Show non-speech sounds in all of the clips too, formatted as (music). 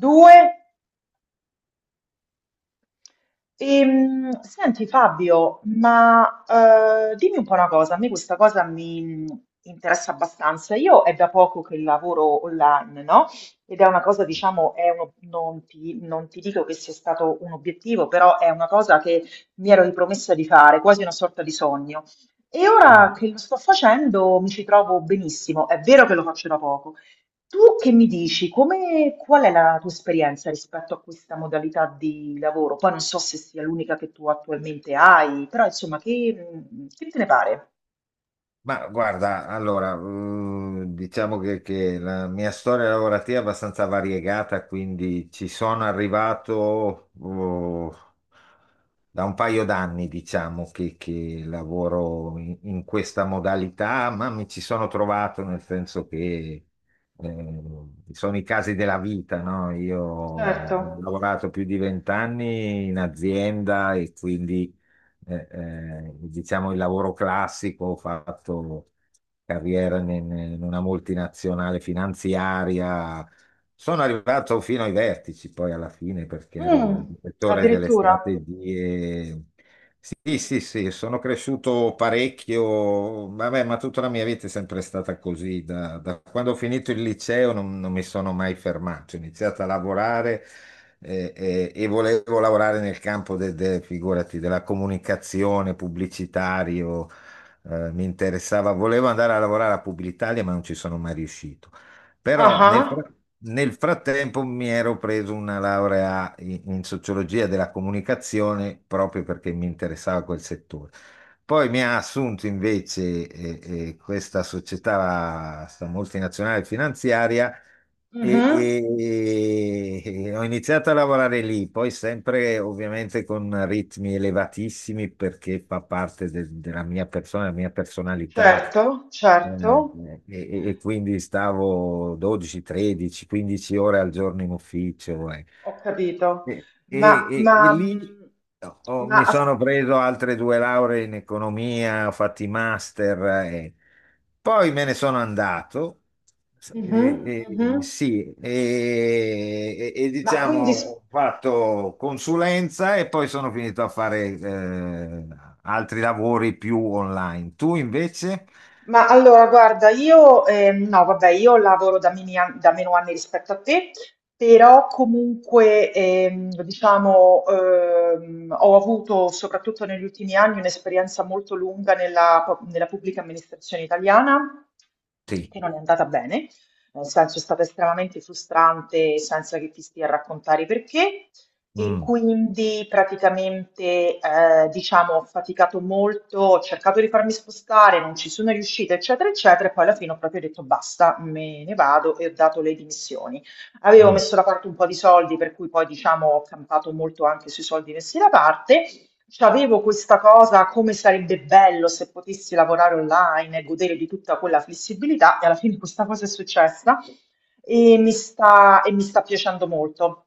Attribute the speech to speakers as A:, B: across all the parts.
A: Due? Senti Fabio, ma dimmi un po' una cosa. A me questa cosa mi interessa abbastanza. Io è da poco che lavoro online, no? Ed è una cosa, diciamo, non ti dico che sia stato un obiettivo, però è una cosa che mi ero ripromessa di fare, quasi una sorta di sogno. E ora
B: Mm.
A: che lo sto facendo mi ci trovo benissimo. È vero che lo faccio da poco. Tu che mi dici? Come, qual è la tua esperienza rispetto a questa modalità di lavoro? Poi non so se sia l'unica che tu attualmente hai, però insomma, che te ne pare?
B: Ma guarda, allora, diciamo che la mia storia lavorativa è abbastanza variegata, quindi ci sono arrivato oh, da un paio d'anni, diciamo, che lavoro in questa modalità, ma mi ci sono trovato nel senso che eh, sono i casi della vita, no? Io ho
A: Certo.
B: lavorato più di 20 anni in azienda e quindi diciamo il lavoro classico. Ho fatto carriera in una multinazionale finanziaria. Sono arrivato fino ai vertici poi alla fine perché ero
A: Mm.
B: direttore delle
A: Addirittura.
B: strategie. Sì, sì, sì, sono cresciuto parecchio. Vabbè, ma tutta la mia vita è sempre stata così. Da quando ho finito il liceo non mi sono mai fermato. Ho iniziato a lavorare e volevo lavorare nel campo figurati, della comunicazione, pubblicitario. Mi interessava, volevo andare a lavorare a Publitalia, ma non ci sono mai riuscito. Però
A: Ah.
B: nel frattempo mi ero preso una laurea in sociologia della comunicazione proprio perché mi interessava quel settore. Poi mi ha assunto invece questa società, sta multinazionale finanziaria
A: Mhm.
B: e ho iniziato a lavorare lì, poi sempre ovviamente con ritmi elevatissimi perché fa parte della mia persona, della mia personalità.
A: Certo,
B: eh,
A: certo.
B: e, e quindi stavo 12, 13, 15 ore al giorno in ufficio.
A: Ho capito.
B: E, e-
A: Ma,
B: e
A: ma,
B: lì
A: mm, ma,
B: mi
A: as-
B: sono preso altre due lauree in economia, ho fatto i master. Poi me ne sono andato.
A: mhm,
B: Eh,
A: mhm.
B: sì. E
A: Ma
B: diciamo
A: quindi
B: ho fatto consulenza e poi sono finito a fare altri lavori più online. Tu invece?
A: Ma allora guarda, io no, vabbè, io lavoro da meno anni rispetto a te, però comunque diciamo, ho avuto soprattutto negli ultimi anni un'esperienza molto lunga nella pubblica amministrazione italiana,
B: Sì.
A: che non è andata bene, nel senso è stata estremamente frustrante senza che ti stia a raccontare i perché. E
B: Mm,
A: quindi praticamente, diciamo ho faticato molto, ho cercato di farmi spostare, non ci sono riuscita, eccetera, eccetera, e poi alla fine ho proprio detto basta, me ne vado e ho dato le dimissioni. Avevo
B: mm.
A: messo da parte un po' di soldi, per cui poi diciamo ho campato molto anche sui soldi messi da parte. C'avevo questa cosa, come sarebbe bello se potessi lavorare online e godere di tutta quella flessibilità, e alla fine questa cosa è successa. E mi sta piacendo molto,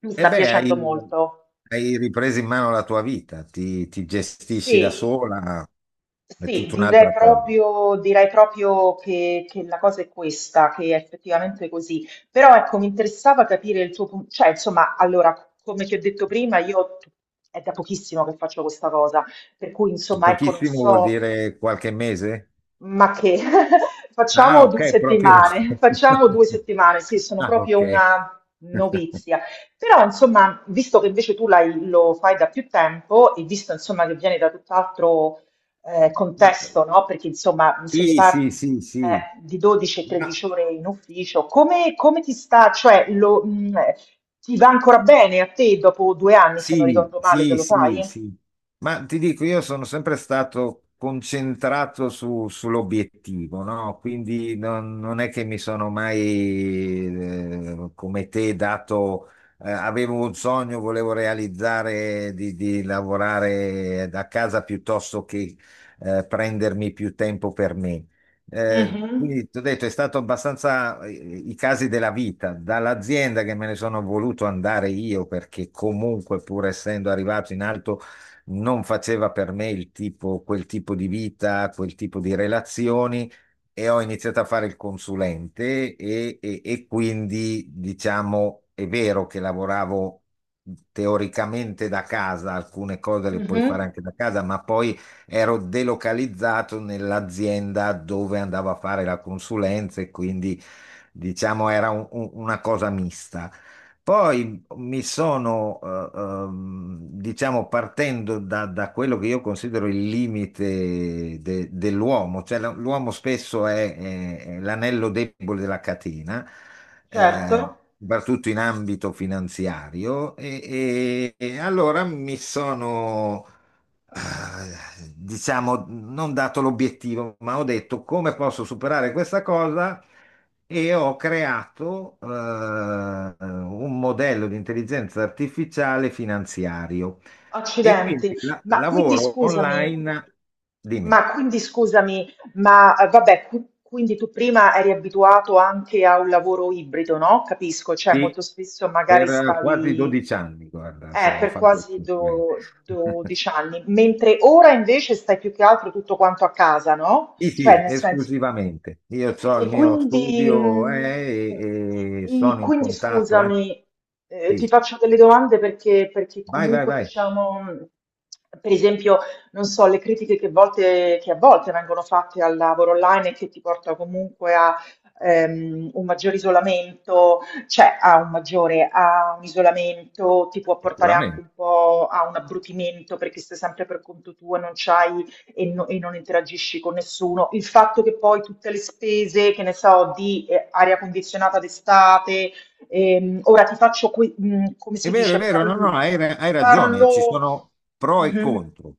A: mi
B: E
A: sta
B: beh,
A: piacendo molto.
B: hai ripreso in mano la tua vita, ti gestisci da
A: Sì,
B: sola, è
A: sì,
B: tutta un'altra cosa.
A: direi proprio che la cosa è questa, che è effettivamente così. Però ecco, mi interessava capire il tuo punto, cioè insomma, allora, come ti ho detto prima, io è da pochissimo che faccio questa cosa, per cui insomma, ecco, non
B: Pochissimo vuol
A: so.
B: dire qualche mese?
A: Ma che (laughs)
B: Ah,
A: facciamo
B: ok,
A: 2
B: proprio.
A: settimane, facciamo 2
B: (laughs)
A: settimane, sì, sono
B: Ah,
A: proprio
B: ok.
A: una
B: (laughs)
A: novizia. Però insomma, visto che invece tu l'hai lo fai da più tempo e visto insomma che vieni da tutt'altro,
B: Ma-
A: contesto, no, perché insomma, se mi
B: sì,
A: parli,
B: sì, sì, sì.
A: di 12 e 13
B: Ma-
A: ore in ufficio, come ti sta, cioè ti va ancora bene a te dopo 2 anni, se non
B: Sì,
A: ricordo male, che
B: sì,
A: lo
B: sì,
A: fai?
B: sì. Ma ti dico, io sono sempre stato concentrato sull'obiettivo, no? Quindi non è che mi sono mai, come te, dato, avevo un sogno, volevo realizzare di lavorare da casa piuttosto che, prendermi più tempo per me.
A: Mh-mh,
B: Quindi ti ho detto, è stato abbastanza i casi della vita, dall'azienda che me ne sono voluto andare io perché comunque pur essendo arrivato in alto non faceva per me il tipo, quel tipo di vita, quel tipo di relazioni. E ho iniziato a fare il consulente e quindi diciamo è vero che lavoravo teoricamente da casa, alcune cose le puoi
A: mh-mh,
B: fare anche da casa, ma poi ero delocalizzato nell'azienda dove andavo a fare la consulenza e quindi diciamo era una cosa mista. Poi mi sono, diciamo, partendo da quello che io considero il limite dell'uomo, cioè l'uomo spesso è l'anello debole della catena,
A: certo.
B: eh, soprattutto in ambito finanziario. E allora mi sono diciamo, non dato l'obiettivo, ma ho detto come posso superare questa cosa. E ho creato un modello di intelligenza artificiale finanziario e
A: Accidenti,
B: quindi
A: ma quindi
B: lavoro
A: scusami,
B: online. Dimmi.
A: ma quindi scusami, vabbè, quindi tu prima eri abituato anche a un lavoro ibrido, no? Capisco, cioè
B: Sì,
A: molto spesso magari
B: per quasi
A: stavi
B: 12 anni, guarda, sono
A: per
B: fatto il
A: quasi
B: consulente. (laughs)
A: 12 anni, mentre ora invece stai più che altro tutto quanto a casa, no?
B: Sì,
A: Cioè,
B: sì,
A: nel senso,
B: esclusivamente. Io ho il
A: e
B: mio
A: quindi,
B: studio
A: mm,
B: e
A: i-
B: sono in
A: quindi
B: contatto.
A: scusami, ti
B: Sì.
A: faccio delle domande perché
B: Vai, vai,
A: comunque
B: vai,
A: diciamo, per esempio, non so, le critiche che a volte vengono fatte al lavoro online e che ti porta comunque a un maggiore isolamento, cioè a un isolamento, ti può portare anche un
B: sicuramente.
A: po' a un abbrutimento perché stai sempre per conto tuo e non c'hai e non interagisci con nessuno. Il fatto che poi tutte le spese, che ne so, di aria condizionata d'estate, ora ti faccio, come si
B: È
A: dice,
B: vero, no, no,
A: parlo,
B: hai ragione, ci
A: parlo
B: sono pro e
A: Mhm.
B: contro.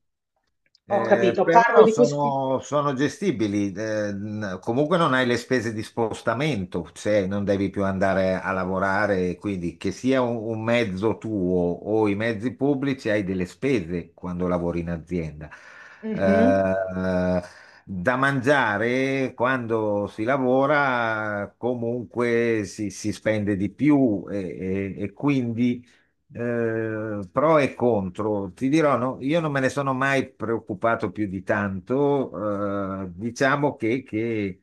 A: Ho capito, parlo
B: Però
A: di questi.
B: sono gestibili, comunque non hai le spese di spostamento, se non devi più andare a lavorare, quindi che sia un mezzo tuo o i mezzi pubblici, hai delle spese quando lavori in azienda.
A: Mhm,
B: Eh, Da mangiare quando si lavora comunque si spende di più. E quindi pro e contro. Ti dirò, no, io non me ne sono mai preoccupato più di tanto. Diciamo che,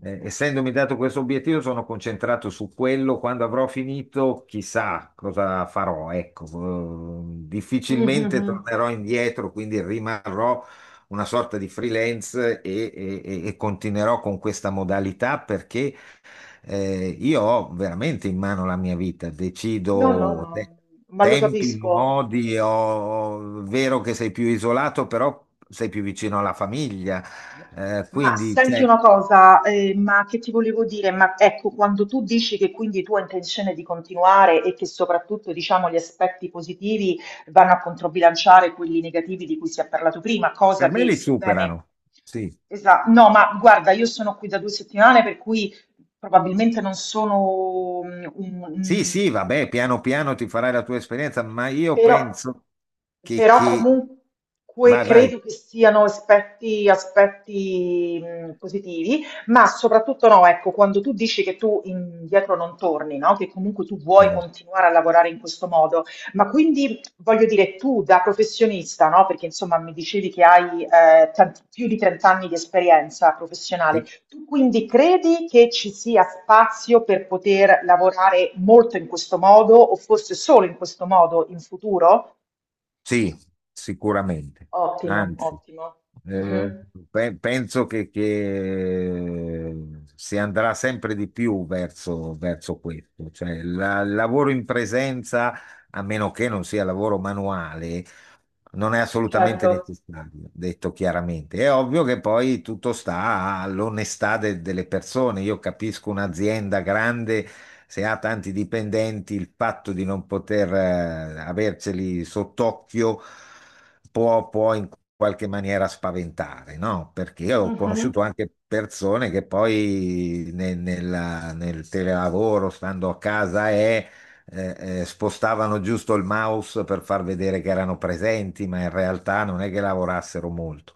B: essendomi dato questo obiettivo, sono concentrato su quello. Quando avrò finito, chissà cosa farò. Ecco,
A: mhm,
B: difficilmente
A: mhm.
B: tornerò indietro, quindi rimarrò una sorta di freelance e continuerò con questa modalità perché io ho veramente in mano la mia vita,
A: No, no,
B: decido
A: no, ma lo
B: tempi,
A: capisco.
B: modi. Vero che sei più isolato, però sei più vicino alla famiglia.
A: Ma
B: Quindi
A: senti una
B: cioè,
A: cosa, ma che ti volevo dire? Ma ecco, quando tu dici che quindi tu hai intenzione di continuare e che soprattutto diciamo gli aspetti positivi vanno a controbilanciare quelli negativi di cui si è parlato prima, cosa
B: per me
A: che
B: li
A: sebbene.
B: superano. Sì,
A: Esatto, no, ma guarda, io sono qui da due settimane per cui probabilmente non sono mm, un,
B: sì,
A: un-
B: sì, vabbè, piano piano ti farai la tua esperienza, ma io
A: però,
B: penso che,
A: però
B: che...
A: comunque
B: Vai,
A: credo
B: vai.
A: che siano aspetti positivi, ma soprattutto no, ecco, quando tu dici che tu indietro non torni, no? Che comunque tu vuoi
B: No.
A: continuare a lavorare in questo modo, ma quindi voglio dire tu da professionista, no? Perché insomma mi dicevi che hai più di 30 anni di esperienza professionale,
B: Sì.
A: tu quindi credi che ci sia spazio per poter lavorare molto in questo modo o forse solo in questo modo in futuro?
B: Sì, sicuramente.
A: Ottimo,
B: Anzi,
A: ottimo.
B: eh,
A: Mhm,
B: penso che si andrà sempre di più verso, verso questo. Cioè, il lavoro in presenza, a meno che non sia lavoro manuale, non è assolutamente
A: certo.
B: necessario, detto chiaramente. È ovvio che poi tutto sta all'onestà delle persone. Io capisco un'azienda grande, se ha tanti dipendenti, il fatto di non poter averceli sott'occhio può, può in qualche maniera spaventare, no? Perché ho
A: Mhm.
B: conosciuto anche persone che poi nel telelavoro, stando a casa, è spostavano giusto il mouse per far vedere che erano presenti, ma in realtà non è che lavorassero molto.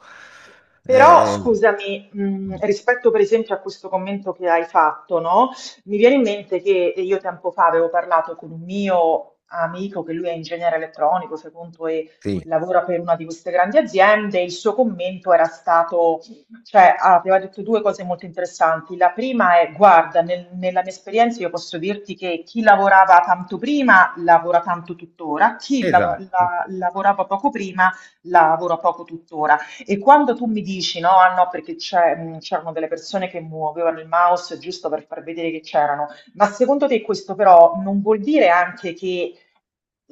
A: Però
B: Eh, eh,
A: scusami, rispetto per esempio a questo commento che hai fatto, no? Mi viene in mente che io tempo fa avevo parlato con un mio amico, che lui è ingegnere elettronico, secondo e
B: sì,
A: lavora per una di queste grandi aziende, il suo commento era stato, cioè aveva detto due cose molto interessanti. La prima è, guarda, nella mia esperienza io posso dirti che chi lavorava tanto prima lavora tanto tuttora, chi la-
B: esatto.
A: la- lavorava poco prima lavora poco tuttora. E quando tu mi dici no, ah no, perché c'erano delle persone che muovevano il mouse giusto per far vedere che c'erano, ma secondo te questo però non vuol dire anche che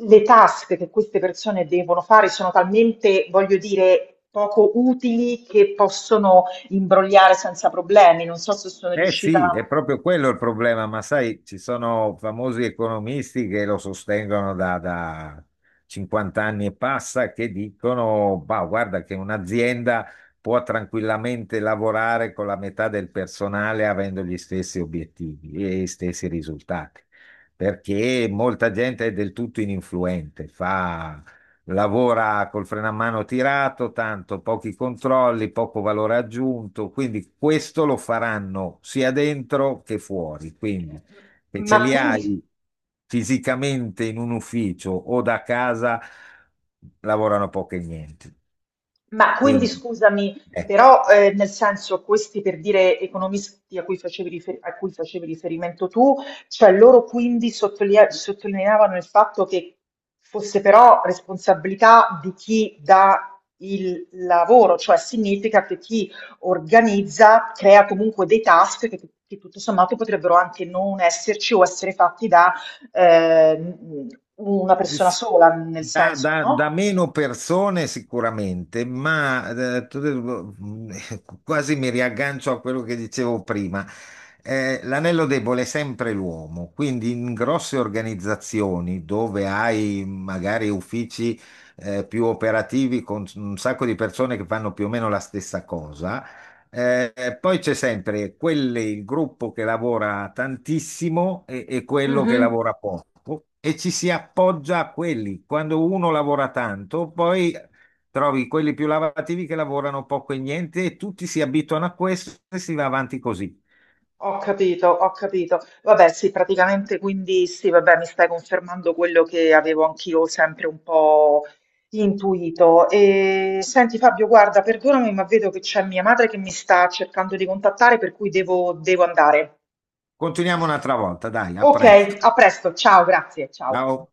A: le task che queste persone devono fare sono talmente, voglio dire, poco utili che possono imbrogliare senza problemi? Non so se sono
B: Eh sì, è
A: riuscita.
B: proprio quello il problema, ma sai, ci sono famosi economisti che lo sostengono da 50 anni e passa, che dicono, bah, guarda che un'azienda può tranquillamente lavorare con la metà del personale avendo gli stessi obiettivi e gli stessi risultati, perché molta gente è del tutto ininfluente, fa lavora col freno a mano tirato, tanto pochi controlli, poco valore aggiunto, quindi questo lo faranno sia dentro che fuori, quindi se ce
A: Ma
B: li
A: quindi
B: hai fisicamente in un ufficio o da casa, lavorano poco e niente.
A: Ma quindi
B: Quindi,
A: scusami,
B: eh.
A: però nel senso questi per dire economisti a cui facevi riferimento tu, cioè loro quindi sottolineavano il fatto che fosse però responsabilità di chi dà il lavoro, cioè significa che chi organizza crea comunque dei task che tutto sommato potrebbero anche non esserci o essere fatti da eh, una persona
B: Sì.
A: sola, nel senso,
B: Da
A: no?
B: meno persone sicuramente, ma eh, tu- mm, (laughs) quasi mi riaggancio a quello che dicevo prima. L'anello debole è sempre l'uomo, quindi in grosse organizzazioni dove hai magari uffici più operativi con un sacco di persone che fanno più o meno la stessa cosa, poi c'è sempre quelle, il gruppo che lavora tantissimo e quello che
A: Mhm.
B: lavora poco e ci si appoggia a quelli. Quando uno lavora tanto, poi trovi quelli più lavorativi che lavorano poco e niente e tutti si abituano a questo e si va avanti così.
A: Ho capito, ho capito. Vabbè, sì, praticamente quindi sì, vabbè, mi stai confermando quello che avevo anch'io sempre un po' intuito. E senti Fabio, guarda, perdonami, ma vedo che c'è mia madre che mi sta cercando di contattare, per cui devo andare.
B: Continuiamo un'altra volta, dai, a
A: Ok,
B: presto.
A: a presto, ciao, grazie, ciao.
B: Ciao.